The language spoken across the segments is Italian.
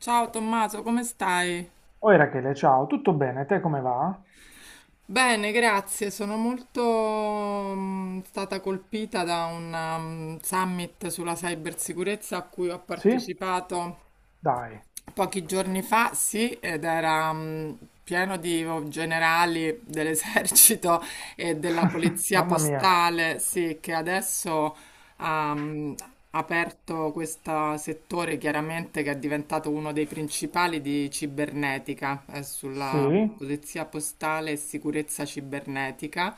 Ciao Tommaso, come stai? Oh Rachele, ciao, tutto bene? Te come va? Bene, grazie. Sono molto stata colpita da un summit sulla cybersicurezza a cui ho Sì? partecipato Dai. pochi giorni fa, sì, ed era pieno di generali dell'esercito e della polizia Mamma mia. postale, sì, che adesso ha aperto questo settore chiaramente che è diventato uno dei principali di cibernetica, sulla Sì? polizia postale e sicurezza cibernetica.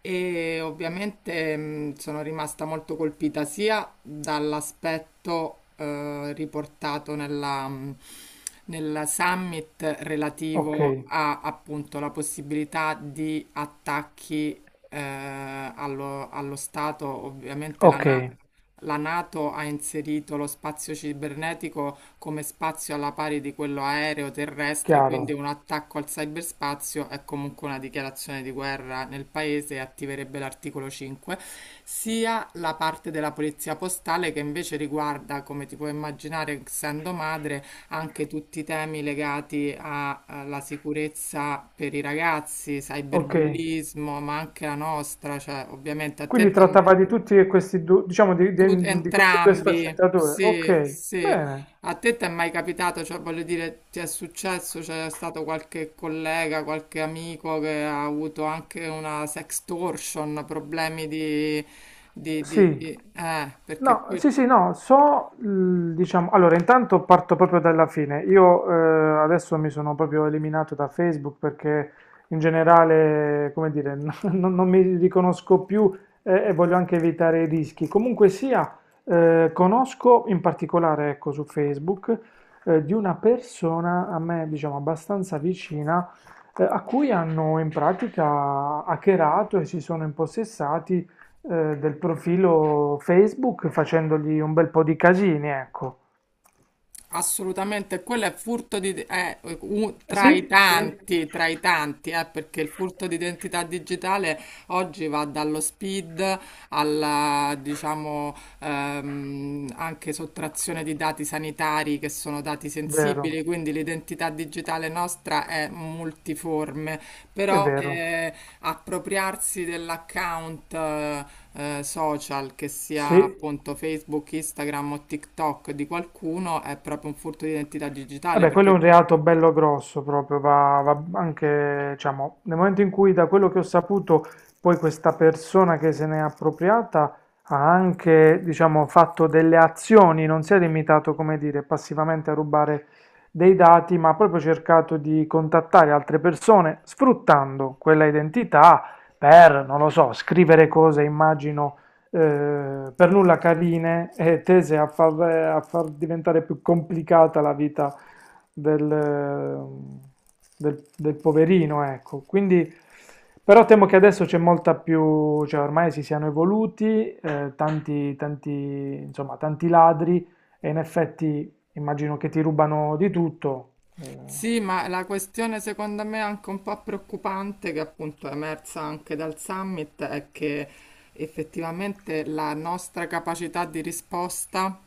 E ovviamente sono rimasta molto colpita sia dall'aspetto riportato nel summit Ok, relativo a appunto la possibilità di attacchi allo Stato. Ovviamente ok, la NATO ha inserito lo spazio cibernetico come spazio alla pari di quello aereo terrestre, quindi chiaro. un attacco al cyberspazio è comunque una dichiarazione di guerra nel paese e attiverebbe l'articolo 5, sia la parte della polizia postale che invece riguarda, come ti puoi immaginare, essendo madre, anche tutti i temi legati alla sicurezza per i ragazzi, Ok. cyberbullismo, ma anche la nostra, cioè ovviamente a te Quindi trattava di tutti e questi due, diciamo di, tu, di- di queste due entrambi, sfaccettature. sì, Ok, sì. bene. A te ti è mai capitato, cioè voglio dire, ti è successo, c'è stato qualche collega, qualche amico che ha avuto anche una sextortion, problemi di... di, di, Sì, di- eh, perché no, questo. sì, sì, no, so, l- diciamo, allora intanto parto proprio dalla fine. Io adesso mi sono proprio eliminato da Facebook perché in generale, come dire, non mi riconosco più, e voglio anche evitare i rischi. Comunque sia, conosco in particolare, ecco, su Facebook, di una persona a me, diciamo, abbastanza vicina, a cui hanno in pratica hackerato e si sono impossessati, del profilo Facebook facendogli un bel po' di casini, ecco. Assolutamente, quello è furto di, Sì, sì, tra i tanti, perché il furto di identità digitale oggi va dallo speed alla, diciamo, anche sottrazione di dati sanitari che sono dati vero, sensibili, quindi l'identità digitale nostra è multiforme, è però vero. Appropriarsi dell'account social, che sia Sì, appunto Facebook, Instagram o TikTok di qualcuno, è proprio un furto di identità digitale vabbè, quello è un perché. reato bello grosso proprio, va, va anche, diciamo, nel momento in cui da quello che ho saputo, poi questa persona che se n'è appropriata ha anche, diciamo, fatto delle azioni, non si è limitato, come dire, passivamente a rubare dei dati, ma ha proprio cercato di contattare altre persone sfruttando quella identità per, non lo so, scrivere cose, immagino, per nulla carine e tese a far diventare più complicata la vita del, del poverino, ecco. Quindi, però temo che adesso c'è molta più, cioè ormai si siano evoluti, tanti, tanti, insomma, tanti ladri e in effetti immagino che ti rubano di tutto. Eh, Sì, ma la questione secondo me anche un po' preoccupante, che appunto è emersa anche dal summit, è che effettivamente la nostra capacità di risposta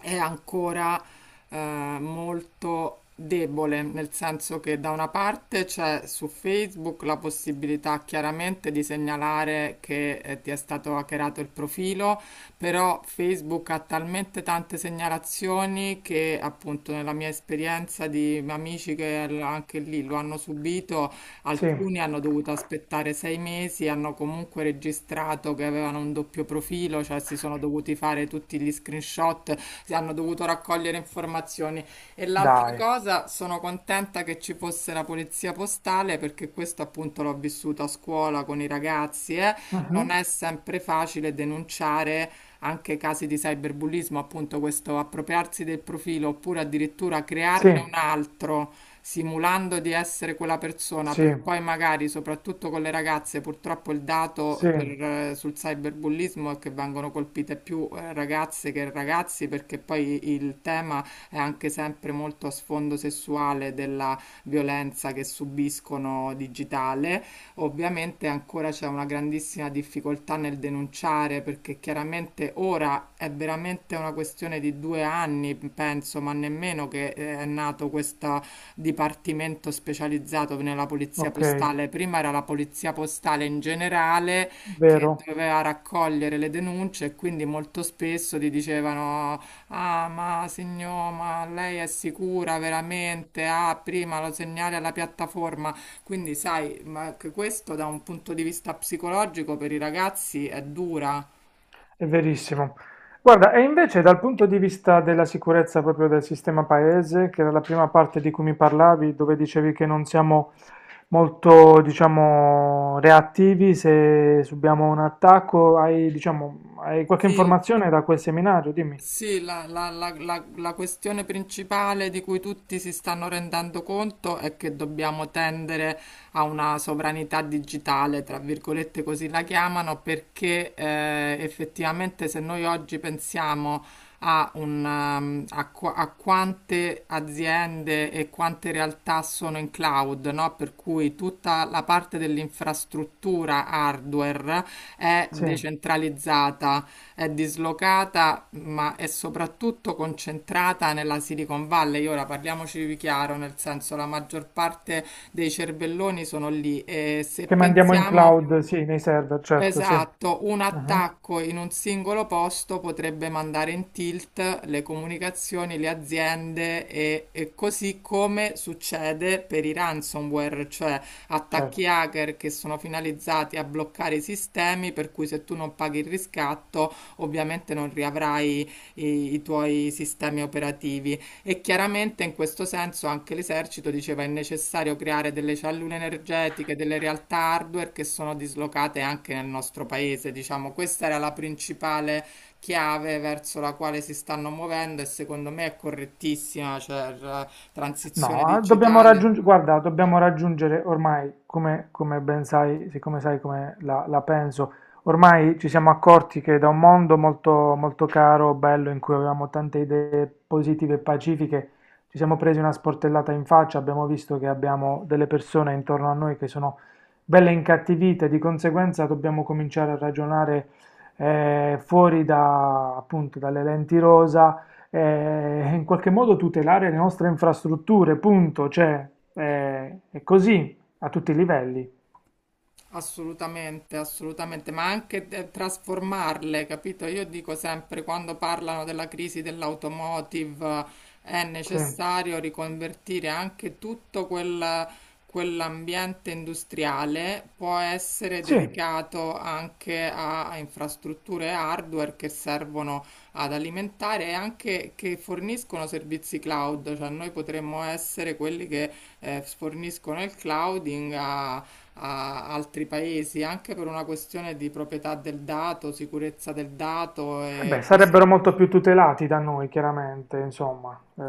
è ancora eh, molto debole, nel senso che da una parte c'è su Facebook la possibilità chiaramente di segnalare che ti è stato hackerato il profilo, però Facebook ha talmente tante segnalazioni che appunto nella mia esperienza di amici che anche lì lo hanno subito, sì, alcuni hanno dovuto aspettare 6 mesi, hanno comunque registrato che avevano un doppio profilo, cioè si sono dovuti fare tutti gli screenshot, si hanno dovuto raccogliere informazioni. E l'altra dai. cosa, sono contenta che ci fosse la polizia postale perché questo appunto l'ho vissuto a scuola con i ragazzi, eh. Non Mhm. è sempre facile denunciare anche casi di cyberbullismo, appunto questo appropriarsi del profilo oppure addirittura Sì, crearne un altro simulando di essere quella persona per sì, poi magari, soprattutto con le ragazze, purtroppo il dato sì, sul cyberbullismo è che vengono colpite più ragazze che ragazzi perché poi il tema è anche sempre molto a sfondo sessuale della violenza che subiscono digitale. Ovviamente ancora c'è una grandissima difficoltà nel denunciare perché chiaramente ora è veramente una questione di 2 anni, penso, ma nemmeno che è nato questa dipartimento specializzato nella polizia ok, postale. Prima era la polizia postale in generale che vero. doveva raccogliere le denunce e quindi molto spesso ti dicevano: ah, ma signor, ma lei è sicura veramente? Ah, prima lo segnali alla piattaforma. Quindi, sai, ma anche questo da un punto di vista psicologico per i ragazzi è dura. È verissimo. Guarda, e invece dal punto di vista della sicurezza proprio del sistema paese, che era la prima parte di cui mi parlavi, dove dicevi che non siamo molto, diciamo, reattivi se subiamo un attacco, hai, diciamo, hai qualche Sì. informazione da quel seminario? Dimmi. Sì, la questione principale di cui tutti si stanno rendendo conto è che dobbiamo tendere a una sovranità digitale, tra virgolette così la chiamano, perché effettivamente se noi oggi pensiamo a, un, um, a qua- a quante aziende e quante realtà sono in cloud, no? Per cui tutta la parte dell'infrastruttura hardware è Sì, decentralizzata, è dislocata, ma è soprattutto concentrata nella Silicon Valley. Ora parliamoci di chiaro, nel senso la maggior parte dei cervelloni sono lì e se che mandiamo in pensiamo. cloud, sì, nei server, certo, sì. Esatto, un Mhm. attacco in un singolo posto potrebbe mandare in tilt le comunicazioni, le aziende e così come succede per i ransomware, cioè Certo. attacchi hacker che sono finalizzati a bloccare i sistemi, per cui se tu non paghi il riscatto, ovviamente non riavrai i tuoi sistemi operativi. E chiaramente in questo senso anche l'esercito diceva è necessario creare delle cellule energetiche, delle realtà hardware che sono dislocate anche nel nostro paese. Diciamo, questa era la principale chiave verso la quale si stanno muovendo e secondo me è correttissima, cioè la transizione No, dobbiamo digitale. raggiungere, guarda, dobbiamo raggiungere ormai, come, come ben sai, siccome sai come la penso, ormai ci siamo accorti che da un mondo molto, molto caro, bello, in cui avevamo tante idee positive e pacifiche, ci siamo presi una sportellata in faccia, abbiamo visto che abbiamo delle persone intorno a noi che sono belle incattivite, di conseguenza dobbiamo cominciare a ragionare, fuori da, appunto, dalle lenti rosa, in qualche modo tutelare le nostre infrastrutture, punto, cioè, è così a tutti i livelli. Assolutamente, assolutamente, ma anche trasformarle, capito? Io dico sempre, quando parlano della crisi dell'automotive, è Sì, necessario riconvertire anche tutto quell'ambiente industriale, può essere sì, dedicato anche a infrastrutture hardware che servono ad alimentare e anche che forniscono servizi cloud, cioè noi potremmo essere quelli che forniscono il clouding a altri paesi, anche per una questione di proprietà del dato, sicurezza del dato eh beh, e possibilità. sarebbero molto più tutelati da noi, chiaramente, insomma.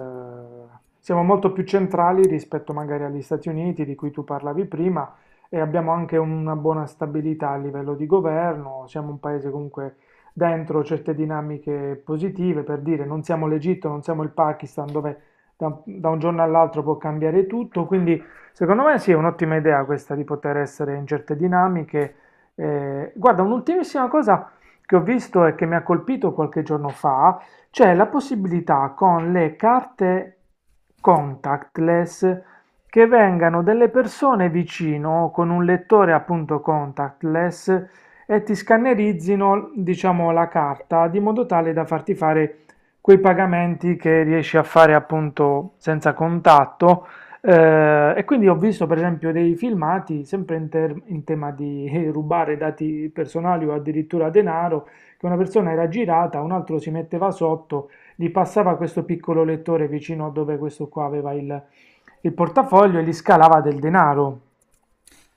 Siamo molto più centrali rispetto magari agli Stati Uniti di cui tu parlavi prima e abbiamo anche una buona stabilità a livello di governo, siamo un paese comunque dentro certe dinamiche positive, per dire, non siamo l'Egitto, non siamo il Pakistan dove da un giorno all'altro può cambiare tutto, quindi secondo me sì, è un'ottima idea questa di poter essere in certe dinamiche. Guarda, un'ultimissima cosa che ho visto e che mi ha colpito qualche giorno fa, c'è la possibilità con le carte contactless che vengano delle persone vicino con un lettore appunto contactless e ti scannerizzino, diciamo, la carta di modo tale da farti fare quei pagamenti che riesci a fare appunto senza contatto, e quindi ho visto per esempio dei filmati sempre in, in tema di rubare dati personali o addirittura denaro, che una persona era girata, un altro si metteva sotto, gli passava questo piccolo lettore vicino a dove questo qua aveva il portafoglio e gli scalava del denaro.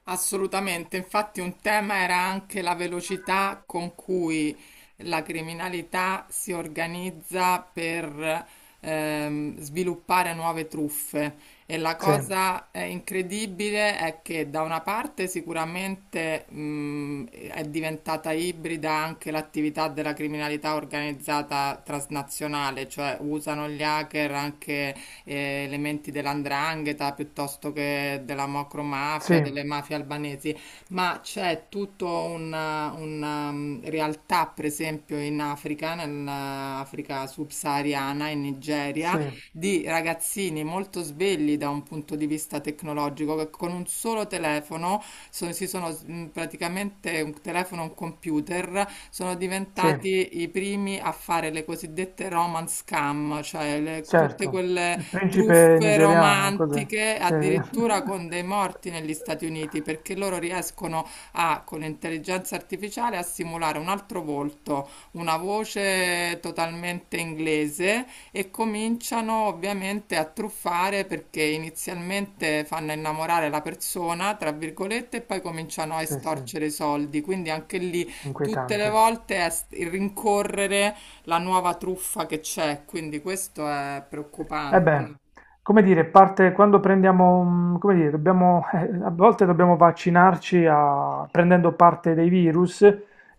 Assolutamente, infatti un tema era anche la velocità con cui la criminalità si organizza per sviluppare nuove truffe e la Sì, cosa incredibile è che da una parte sicuramente è diventata ibrida anche l'attività della criminalità organizzata transnazionale, cioè usano gli hacker anche elementi dell'andrangheta piuttosto che della macromafia, sì, delle mafie albanesi, ma c'è tutta una realtà, per esempio, in Africa, nell'Africa subsahariana, in Nigeria, sì, di ragazzini molto svegli da un punto di vista tecnologico che con un solo telefono, praticamente un telefono, un computer, sono sì, diventati i primi a fare le cosiddette romance scam, cioè tutte certo. quelle Il principe truffe nigeriano, cos'è? romantiche, Sì. addirittura con dei morti negli Stati Uniti, perché loro riescono a, con l'intelligenza artificiale, a simulare un altro volto, una voce totalmente inglese e cominciano ovviamente a truffare perché inizialmente fanno innamorare la persona, tra virgolette, e poi cominciano a Sì, sì, estorcere i soldi. Quindi anche lì tutte le inquietante. volte è rincorrere la nuova truffa che c'è, quindi questo è Eh beh, preoccupante. come dire, parte quando prendiamo, come dire, dobbiamo, a volte dobbiamo vaccinarci prendendo parte dei virus,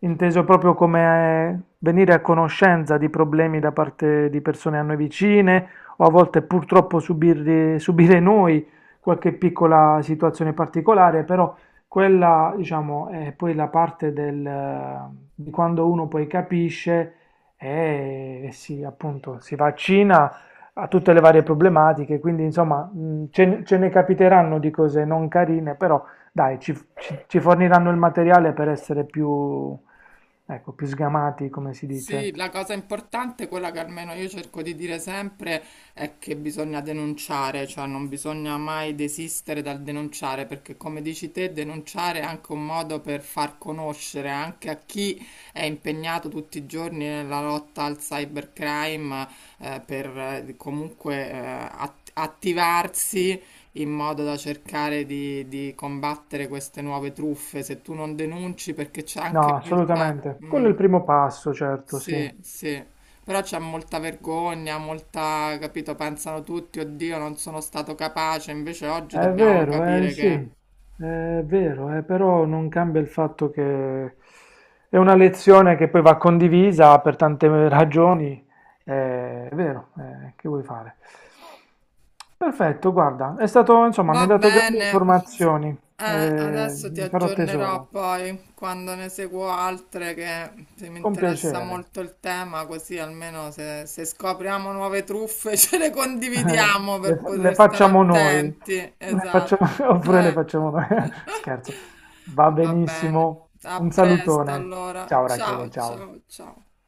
inteso proprio come venire a conoscenza di problemi da parte di persone a noi vicine, o a volte purtroppo subire noi qualche piccola situazione particolare, però quella, diciamo, è poi la parte del, di quando uno poi capisce e si, appunto, si vaccina a tutte le varie problematiche, quindi insomma, ce ne capiteranno di cose non carine, però dai, ci forniranno il materiale per essere più, ecco, più sgamati, come si dice. Sì, la cosa importante, quella che almeno io cerco di dire sempre, è che bisogna denunciare, cioè non bisogna mai desistere dal denunciare, perché come dici te, denunciare è anche un modo per far conoscere anche a chi è impegnato tutti i giorni nella lotta al cybercrime, per comunque attivarsi in modo da cercare di combattere queste nuove truffe. Se tu non denunci, perché c'è No, anche molta. assolutamente. Quello Mm. è il primo passo, certo, sì. Sì, sì, però c'è molta vergogna, molta, capito, pensano tutti, oddio, non sono stato capace, invece oggi È dobbiamo vero, capire sì, che. è vero, però non cambia il fatto che è una lezione che poi va condivisa per tante ragioni, è vero, che vuoi fare? Perfetto, guarda, è stato, insomma, mi Va ha dato grandi bene. informazioni, Adesso ti ne farò aggiornerò tesoro, poi quando ne seguo altre che se mi con interessa piacere. molto il tema, così almeno se scopriamo nuove truffe ce le Eh, condividiamo per le poter stare facciamo noi, attenti. le facciamo- Esatto. oppure le facciamo noi. Scherzo, va Va bene, benissimo. a Un presto salutone. allora. Ciao Rachele, Ciao, ciao. ciao, ciao.